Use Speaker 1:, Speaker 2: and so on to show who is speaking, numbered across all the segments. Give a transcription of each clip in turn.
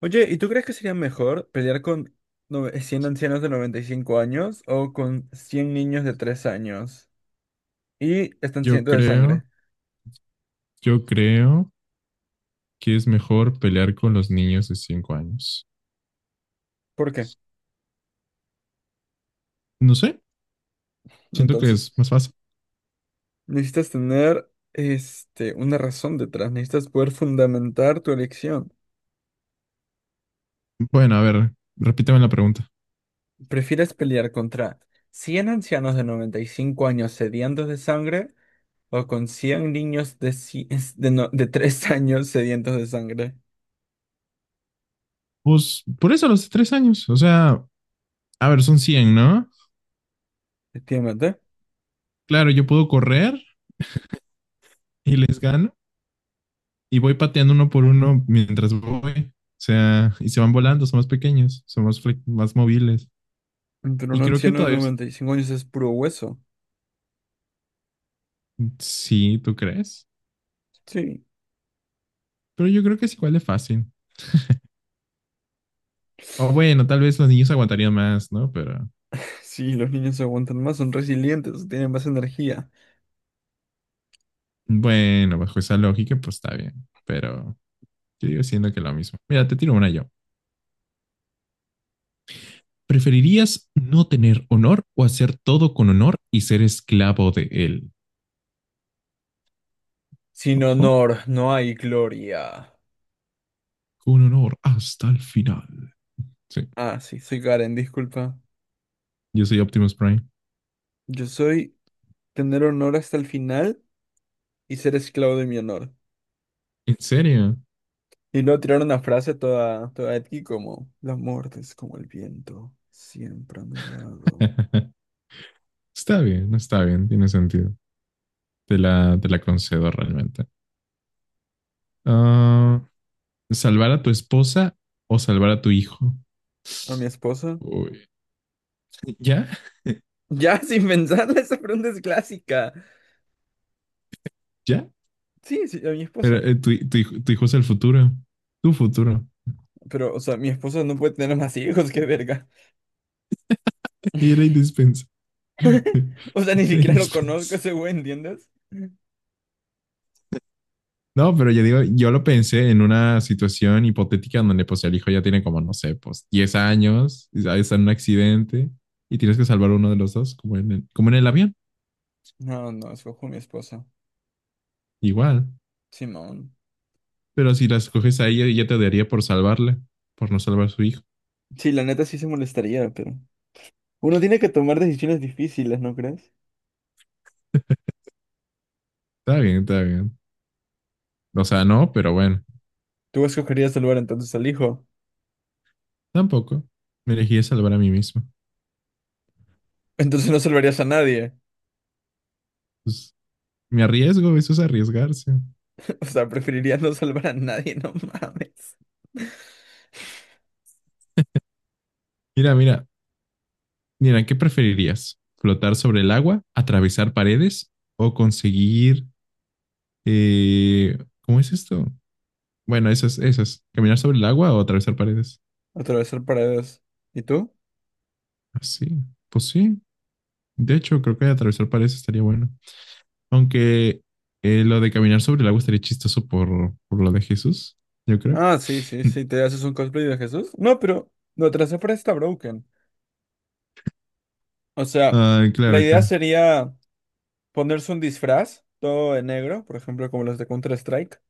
Speaker 1: Oye, ¿y tú crees que sería mejor pelear con 100 ancianos de 95 años o con 100 niños de 3 años? Y están
Speaker 2: Yo
Speaker 1: sedientos de sangre.
Speaker 2: creo, yo creo que es mejor pelear con los niños de 5 años.
Speaker 1: ¿Por qué?
Speaker 2: No sé, siento que es
Speaker 1: Entonces,
Speaker 2: más fácil.
Speaker 1: necesitas tener una razón detrás, necesitas poder fundamentar tu elección.
Speaker 2: Bueno, a ver, repíteme la pregunta.
Speaker 1: ¿Prefieres pelear contra 100 ancianos de 95 años sedientos de sangre o con 100 niños de, ci- es- de, no- de 3 años sedientos de sangre?
Speaker 2: Pues por eso los de 3 años, o sea, a ver, son 100, ¿no?
Speaker 1: Efectivamente,
Speaker 2: Claro, yo puedo correr y les gano y voy pateando uno por uno mientras voy. O sea, y se van volando, son más pequeños, son más, más móviles.
Speaker 1: pero
Speaker 2: Y
Speaker 1: un
Speaker 2: creo que
Speaker 1: anciano de
Speaker 2: todavía es-
Speaker 1: 95 años es puro hueso.
Speaker 2: Sí, ¿tú crees?
Speaker 1: Sí.
Speaker 2: Pero yo creo que es igual de fácil. O bueno, tal vez los niños aguantarían más, ¿no? Pero.
Speaker 1: Sí, los niños se aguantan más, son resilientes, tienen más energía.
Speaker 2: Bueno, bajo esa lógica, pues está bien, pero yo digo siendo que lo mismo. Mira, te tiro una yo. ¿Preferirías no tener honor o hacer todo con honor y ser esclavo de él?
Speaker 1: Sin
Speaker 2: Ojo,
Speaker 1: honor, no hay gloria.
Speaker 2: con honor hasta el final. Sí,
Speaker 1: Ah, sí, soy Karen, disculpa.
Speaker 2: yo soy Optimus Prime.
Speaker 1: Yo soy tener honor hasta el final y ser esclavo de mi honor.
Speaker 2: ¿En serio?
Speaker 1: Y luego tirar una frase toda, toda edgy como, la muerte es como el viento, siempre a mi lado.
Speaker 2: Está bien, tiene sentido. Te la concedo realmente. Ah, ¿salvar a tu esposa o salvar a tu hijo?
Speaker 1: ¿A mi esposa?
Speaker 2: Uy, ¿ya?
Speaker 1: Ya, sin pensarla, esa pregunta es clásica.
Speaker 2: ¿Ya?
Speaker 1: Sí, sí, a mi
Speaker 2: Pero,
Speaker 1: esposa.
Speaker 2: tu hijo es el futuro, tu futuro.
Speaker 1: Pero, o sea, mi esposa no puede tener más hijos, qué verga.
Speaker 2: Y era indispensable.
Speaker 1: O sea, ni
Speaker 2: Era
Speaker 1: siquiera lo
Speaker 2: indispensable.
Speaker 1: conozco ese güey, ¿entiendes?
Speaker 2: No, pero yo digo, yo lo pensé en una situación hipotética donde pues el hijo ya tiene como, no sé, pues 10 años, y está en un accidente y tienes que salvar uno de los dos, como en el avión,
Speaker 1: No, no, escojo a mi esposa.
Speaker 2: igual.
Speaker 1: Simón.
Speaker 2: Pero si las coges a ella, ella te daría por salvarle, por no salvar a su hijo.
Speaker 1: Sí, la neta sí se molestaría, pero... Uno tiene que tomar decisiones difíciles, ¿no crees?
Speaker 2: Está bien, está bien. O sea, no, pero bueno,
Speaker 1: Tú escogerías salvar entonces al hijo.
Speaker 2: tampoco. Me elegí a salvar a mí mismo.
Speaker 1: Entonces no salvarías a nadie.
Speaker 2: Pues me arriesgo, eso es arriesgarse.
Speaker 1: O sea, preferirías no salvar a nadie, no mames.
Speaker 2: Mira, mira, mira, ¿qué preferirías? ¿Flotar sobre el agua, atravesar paredes o conseguir? eh, ¿Cómo es esto? Bueno, esas, esas. ¿Caminar sobre el agua o atravesar paredes?
Speaker 1: Atravesar paredes. ¿Y tú?
Speaker 2: Así, pues sí. De hecho, creo que atravesar paredes estaría bueno. Aunque lo de caminar sobre el agua estaría chistoso por lo de Jesús, yo creo.
Speaker 1: Ah, sí, sí, sí, te haces un cosplay de Jesús. No, pero lo trazé para está broken. O sea,
Speaker 2: Ah,
Speaker 1: la
Speaker 2: claro,
Speaker 1: idea
Speaker 2: claro.
Speaker 1: sería ponerse un disfraz todo de negro, por ejemplo, como los de Counter-Strike.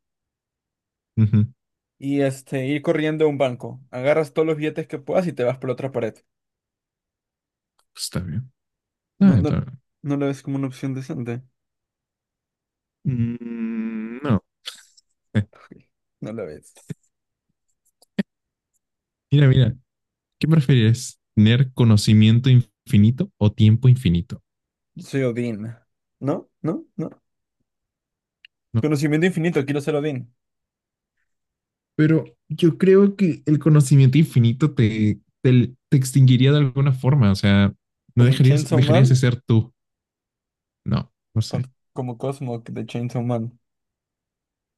Speaker 2: Ujú.
Speaker 1: Y ir corriendo a un banco. Agarras todos los billetes que puedas y te vas por la otra pared.
Speaker 2: Pues está bien. Ah,
Speaker 1: No, no,
Speaker 2: está bien.
Speaker 1: no lo ves como una opción decente.
Speaker 2: Mm, no. Eh,
Speaker 1: No lo ves.
Speaker 2: Mira, mira. ¿Qué prefieres? ¿Tener conocimiento infinito o tiempo infinito?
Speaker 1: Soy Odín. ¿No? ¿No? ¿No?
Speaker 2: No,
Speaker 1: Conocimiento infinito, quiero ser Odín.
Speaker 2: pero yo creo que el conocimiento infinito te extinguiría de alguna forma. O sea, no
Speaker 1: Como en
Speaker 2: dejarías,
Speaker 1: Chainsaw
Speaker 2: dejarías de
Speaker 1: Man,
Speaker 2: ser tú. No, no sé.
Speaker 1: con- como Cosmo de Chainsaw Man.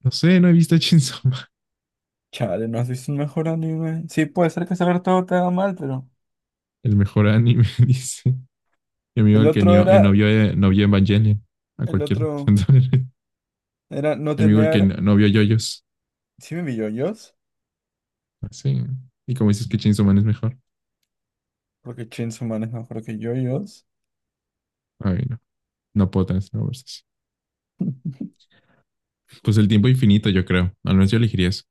Speaker 2: No sé, no he visto Chainsaw Man.
Speaker 1: Chale, ¿no has visto un mejor anime? Sí, puede ser que saber todo te haga mal, pero...
Speaker 2: El mejor anime, dice. Mi amigo
Speaker 1: El
Speaker 2: el que
Speaker 1: otro
Speaker 2: no, eh, no
Speaker 1: era...
Speaker 2: vio, eh, no vio Evangelion. A
Speaker 1: El
Speaker 2: cualquier.
Speaker 1: otro
Speaker 2: Mi
Speaker 1: era no
Speaker 2: amigo el que
Speaker 1: tener...
Speaker 2: no vio Yoyos.
Speaker 1: Sí me vi yoyos,
Speaker 2: Ah, sí. Y como dices que Chainsaw Man es mejor.
Speaker 1: porque Chainsaw Man es mejor que yoyos.
Speaker 2: Ay, no. No puedo tener esa conversación. Pues el tiempo infinito, yo creo. Al menos yo elegiría eso.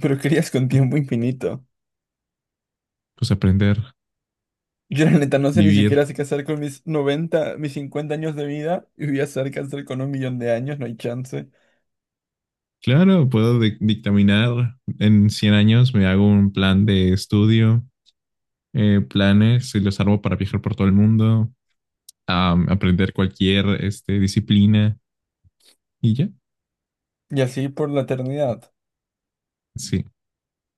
Speaker 1: Pero querías con tiempo infinito.
Speaker 2: Pues aprender,
Speaker 1: Yo la neta no sé ni
Speaker 2: vivir.
Speaker 1: siquiera sé qué hacer con mis 50 años de vida y voy a hacer qué hacer con 1 millón de años, no hay chance.
Speaker 2: Claro, puedo dictaminar en 100 años, me hago un plan de estudio, planes y los armo para viajar por todo el mundo, aprender cualquier este, disciplina y ya.
Speaker 1: Y así por la eternidad,
Speaker 2: Sí,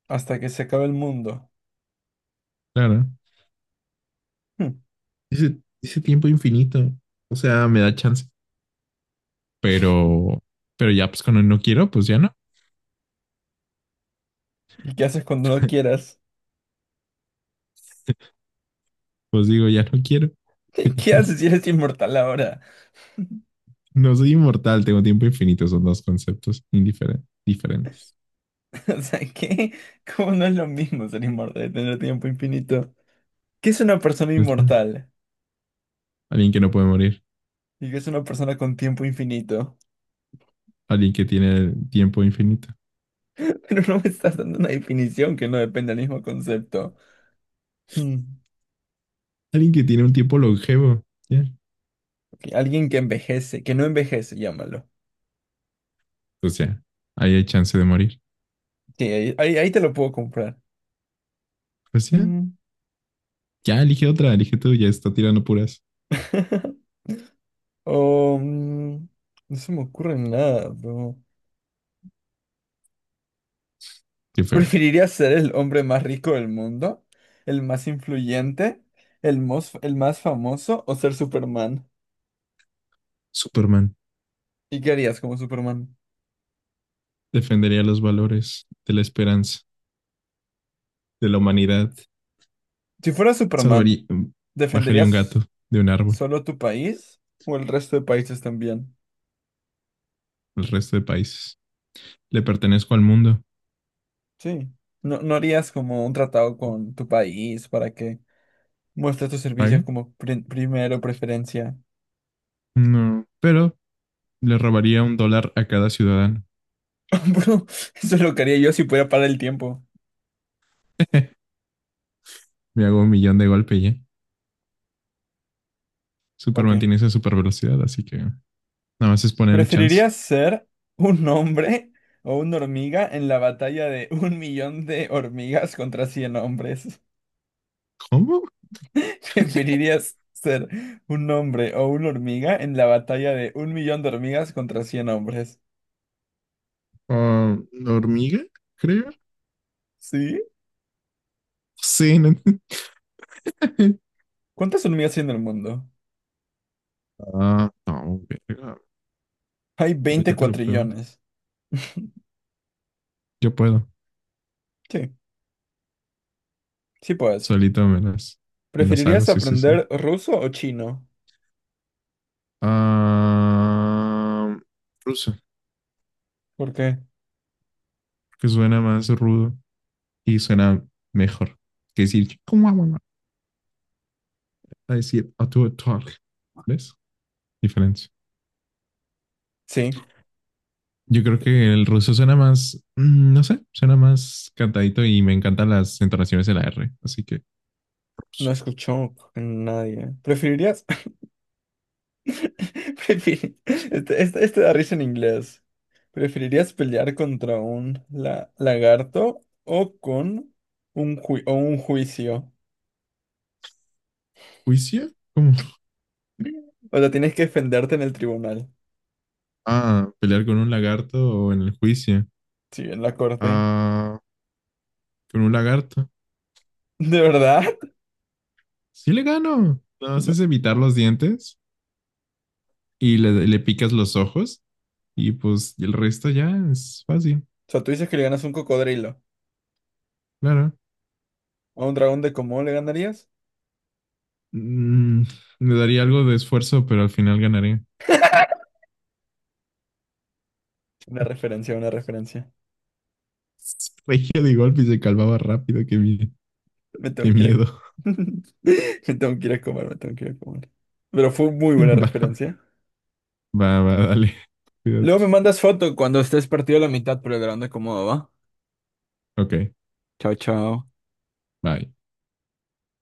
Speaker 1: hasta que se acabe el mundo.
Speaker 2: claro.
Speaker 1: Hm.
Speaker 2: Ese tiempo infinito, o sea, me da chance. Pero, pero ya, pues cuando no quiero, pues ya no.
Speaker 1: ¿Y qué haces cuando no quieras?
Speaker 2: Pues digo, ya no quiero.
Speaker 1: ¿Qué haces si eres inmortal ahora?
Speaker 2: No soy inmortal, tengo tiempo infinito, son dos conceptos diferentes.
Speaker 1: O sea, ¿qué? ¿Cómo no es lo mismo ser inmortal y tener tiempo infinito? ¿Qué es una persona
Speaker 2: Es la-
Speaker 1: inmortal?
Speaker 2: Alguien que no puede morir.
Speaker 1: ¿Y qué es una persona con tiempo infinito?
Speaker 2: Alguien que tiene tiempo infinito.
Speaker 1: Pero no me estás dando una definición que no depende del mismo concepto. Hmm.
Speaker 2: Alguien que tiene un tiempo longevo. ¿Ya?
Speaker 1: Alguien que envejece, que no envejece, llámalo.
Speaker 2: O sea, ahí hay chance de morir.
Speaker 1: Sí, ahí te lo puedo comprar.
Speaker 2: Pues ya,
Speaker 1: Mm.
Speaker 2: ya elige otra, elige tú, ya está tirando puras.
Speaker 1: Oh, no se me ocurre nada, bro.
Speaker 2: Qué feo.
Speaker 1: ¿Preferirías ser el hombre más rico del mundo? ¿El más influyente? ¿El más, el más, famoso? ¿O ser Superman?
Speaker 2: Superman
Speaker 1: ¿Y qué harías como Superman?
Speaker 2: defendería los valores de la esperanza, de la humanidad.
Speaker 1: Si fueras Superman,
Speaker 2: Salvaría, bajaría un gato
Speaker 1: ¿defenderías
Speaker 2: de un árbol
Speaker 1: solo tu país o el resto de países también?
Speaker 2: al resto de países. Le pertenezco al mundo.
Speaker 1: Sí. ¿No, no harías como un tratado con tu país para que muestres tus servicios
Speaker 2: ¿Paguen?
Speaker 1: como primero preferencia?
Speaker 2: No. Pero le robaría $1 a cada ciudadano.
Speaker 1: Bro, eso es lo que haría yo si pudiera parar el tiempo.
Speaker 2: Me hago 1 millón de golpe ya.
Speaker 1: Ok.
Speaker 2: Superman tiene esa super velocidad, así que nada más es ponerle chance.
Speaker 1: ¿Preferirías ser un hombre o una hormiga en la batalla de un millón de hormigas contra 100 hombres?
Speaker 2: ¿Cómo?
Speaker 1: ¿Preferirías ser un hombre o una hormiga en la batalla de 1 millón de hormigas contra cien hombres?
Speaker 2: Ah, ¿hormiga? Creo.
Speaker 1: ¿Sí?
Speaker 2: Sí, no.
Speaker 1: ¿Cuántas hormigas hay en el mundo?
Speaker 2: Ah, no, verga.
Speaker 1: Hay 20
Speaker 2: Ahorita te lo pregunto.
Speaker 1: cuatrillones.
Speaker 2: Yo puedo.
Speaker 1: Sí, sí puedes.
Speaker 2: Solito me las hago,
Speaker 1: ¿Preferirías
Speaker 2: sí, sí, sí.
Speaker 1: aprender ruso o chino?
Speaker 2: Ah, ruso,
Speaker 1: ¿Por qué?
Speaker 2: que suena más rudo y suena mejor que decir, ¿cómo vamos a decir a tu talk? ¿Ves? Diferencia.
Speaker 1: Sí.
Speaker 2: Yo creo que el ruso suena más, no sé, suena más cantadito y me encantan las entonaciones de la R, así que
Speaker 1: No
Speaker 2: ruso.
Speaker 1: escuchó a nadie. ¿Preferirías? Este da risa en inglés. ¿Preferirías pelear contra un lagarto o con un juicio?
Speaker 2: ¿Juicio?
Speaker 1: O sea, tienes que defenderte en el tribunal.
Speaker 2: Ah, pelear con un lagarto o en el juicio.
Speaker 1: Sí, en la corte.
Speaker 2: Ah, con un lagarto.
Speaker 1: ¿De verdad?
Speaker 2: Sí le gano. Nada más
Speaker 1: No. O
Speaker 2: es evitar los dientes y le picas los ojos y pues el resto ya es fácil,
Speaker 1: sea, tú dices que le ganas a un cocodrilo.
Speaker 2: claro.
Speaker 1: ¿A un dragón de cómo le ganarías?
Speaker 2: Mm, Me daría algo de esfuerzo, pero al final ganaré.
Speaker 1: Una referencia, una referencia.
Speaker 2: Regio de golpe y se calmaba rápido.
Speaker 1: Me
Speaker 2: Qué
Speaker 1: tengo que ir a...
Speaker 2: miedo.
Speaker 1: Me tengo que ir a comer, me tengo que ir a comer. Pero fue muy buena referencia.
Speaker 2: Va, va, va, dale.
Speaker 1: Luego me
Speaker 2: Cuídate.
Speaker 1: mandas foto cuando estés partido a la mitad, pero grande cómo va.
Speaker 2: Ok,
Speaker 1: Chao, chao.
Speaker 2: bye.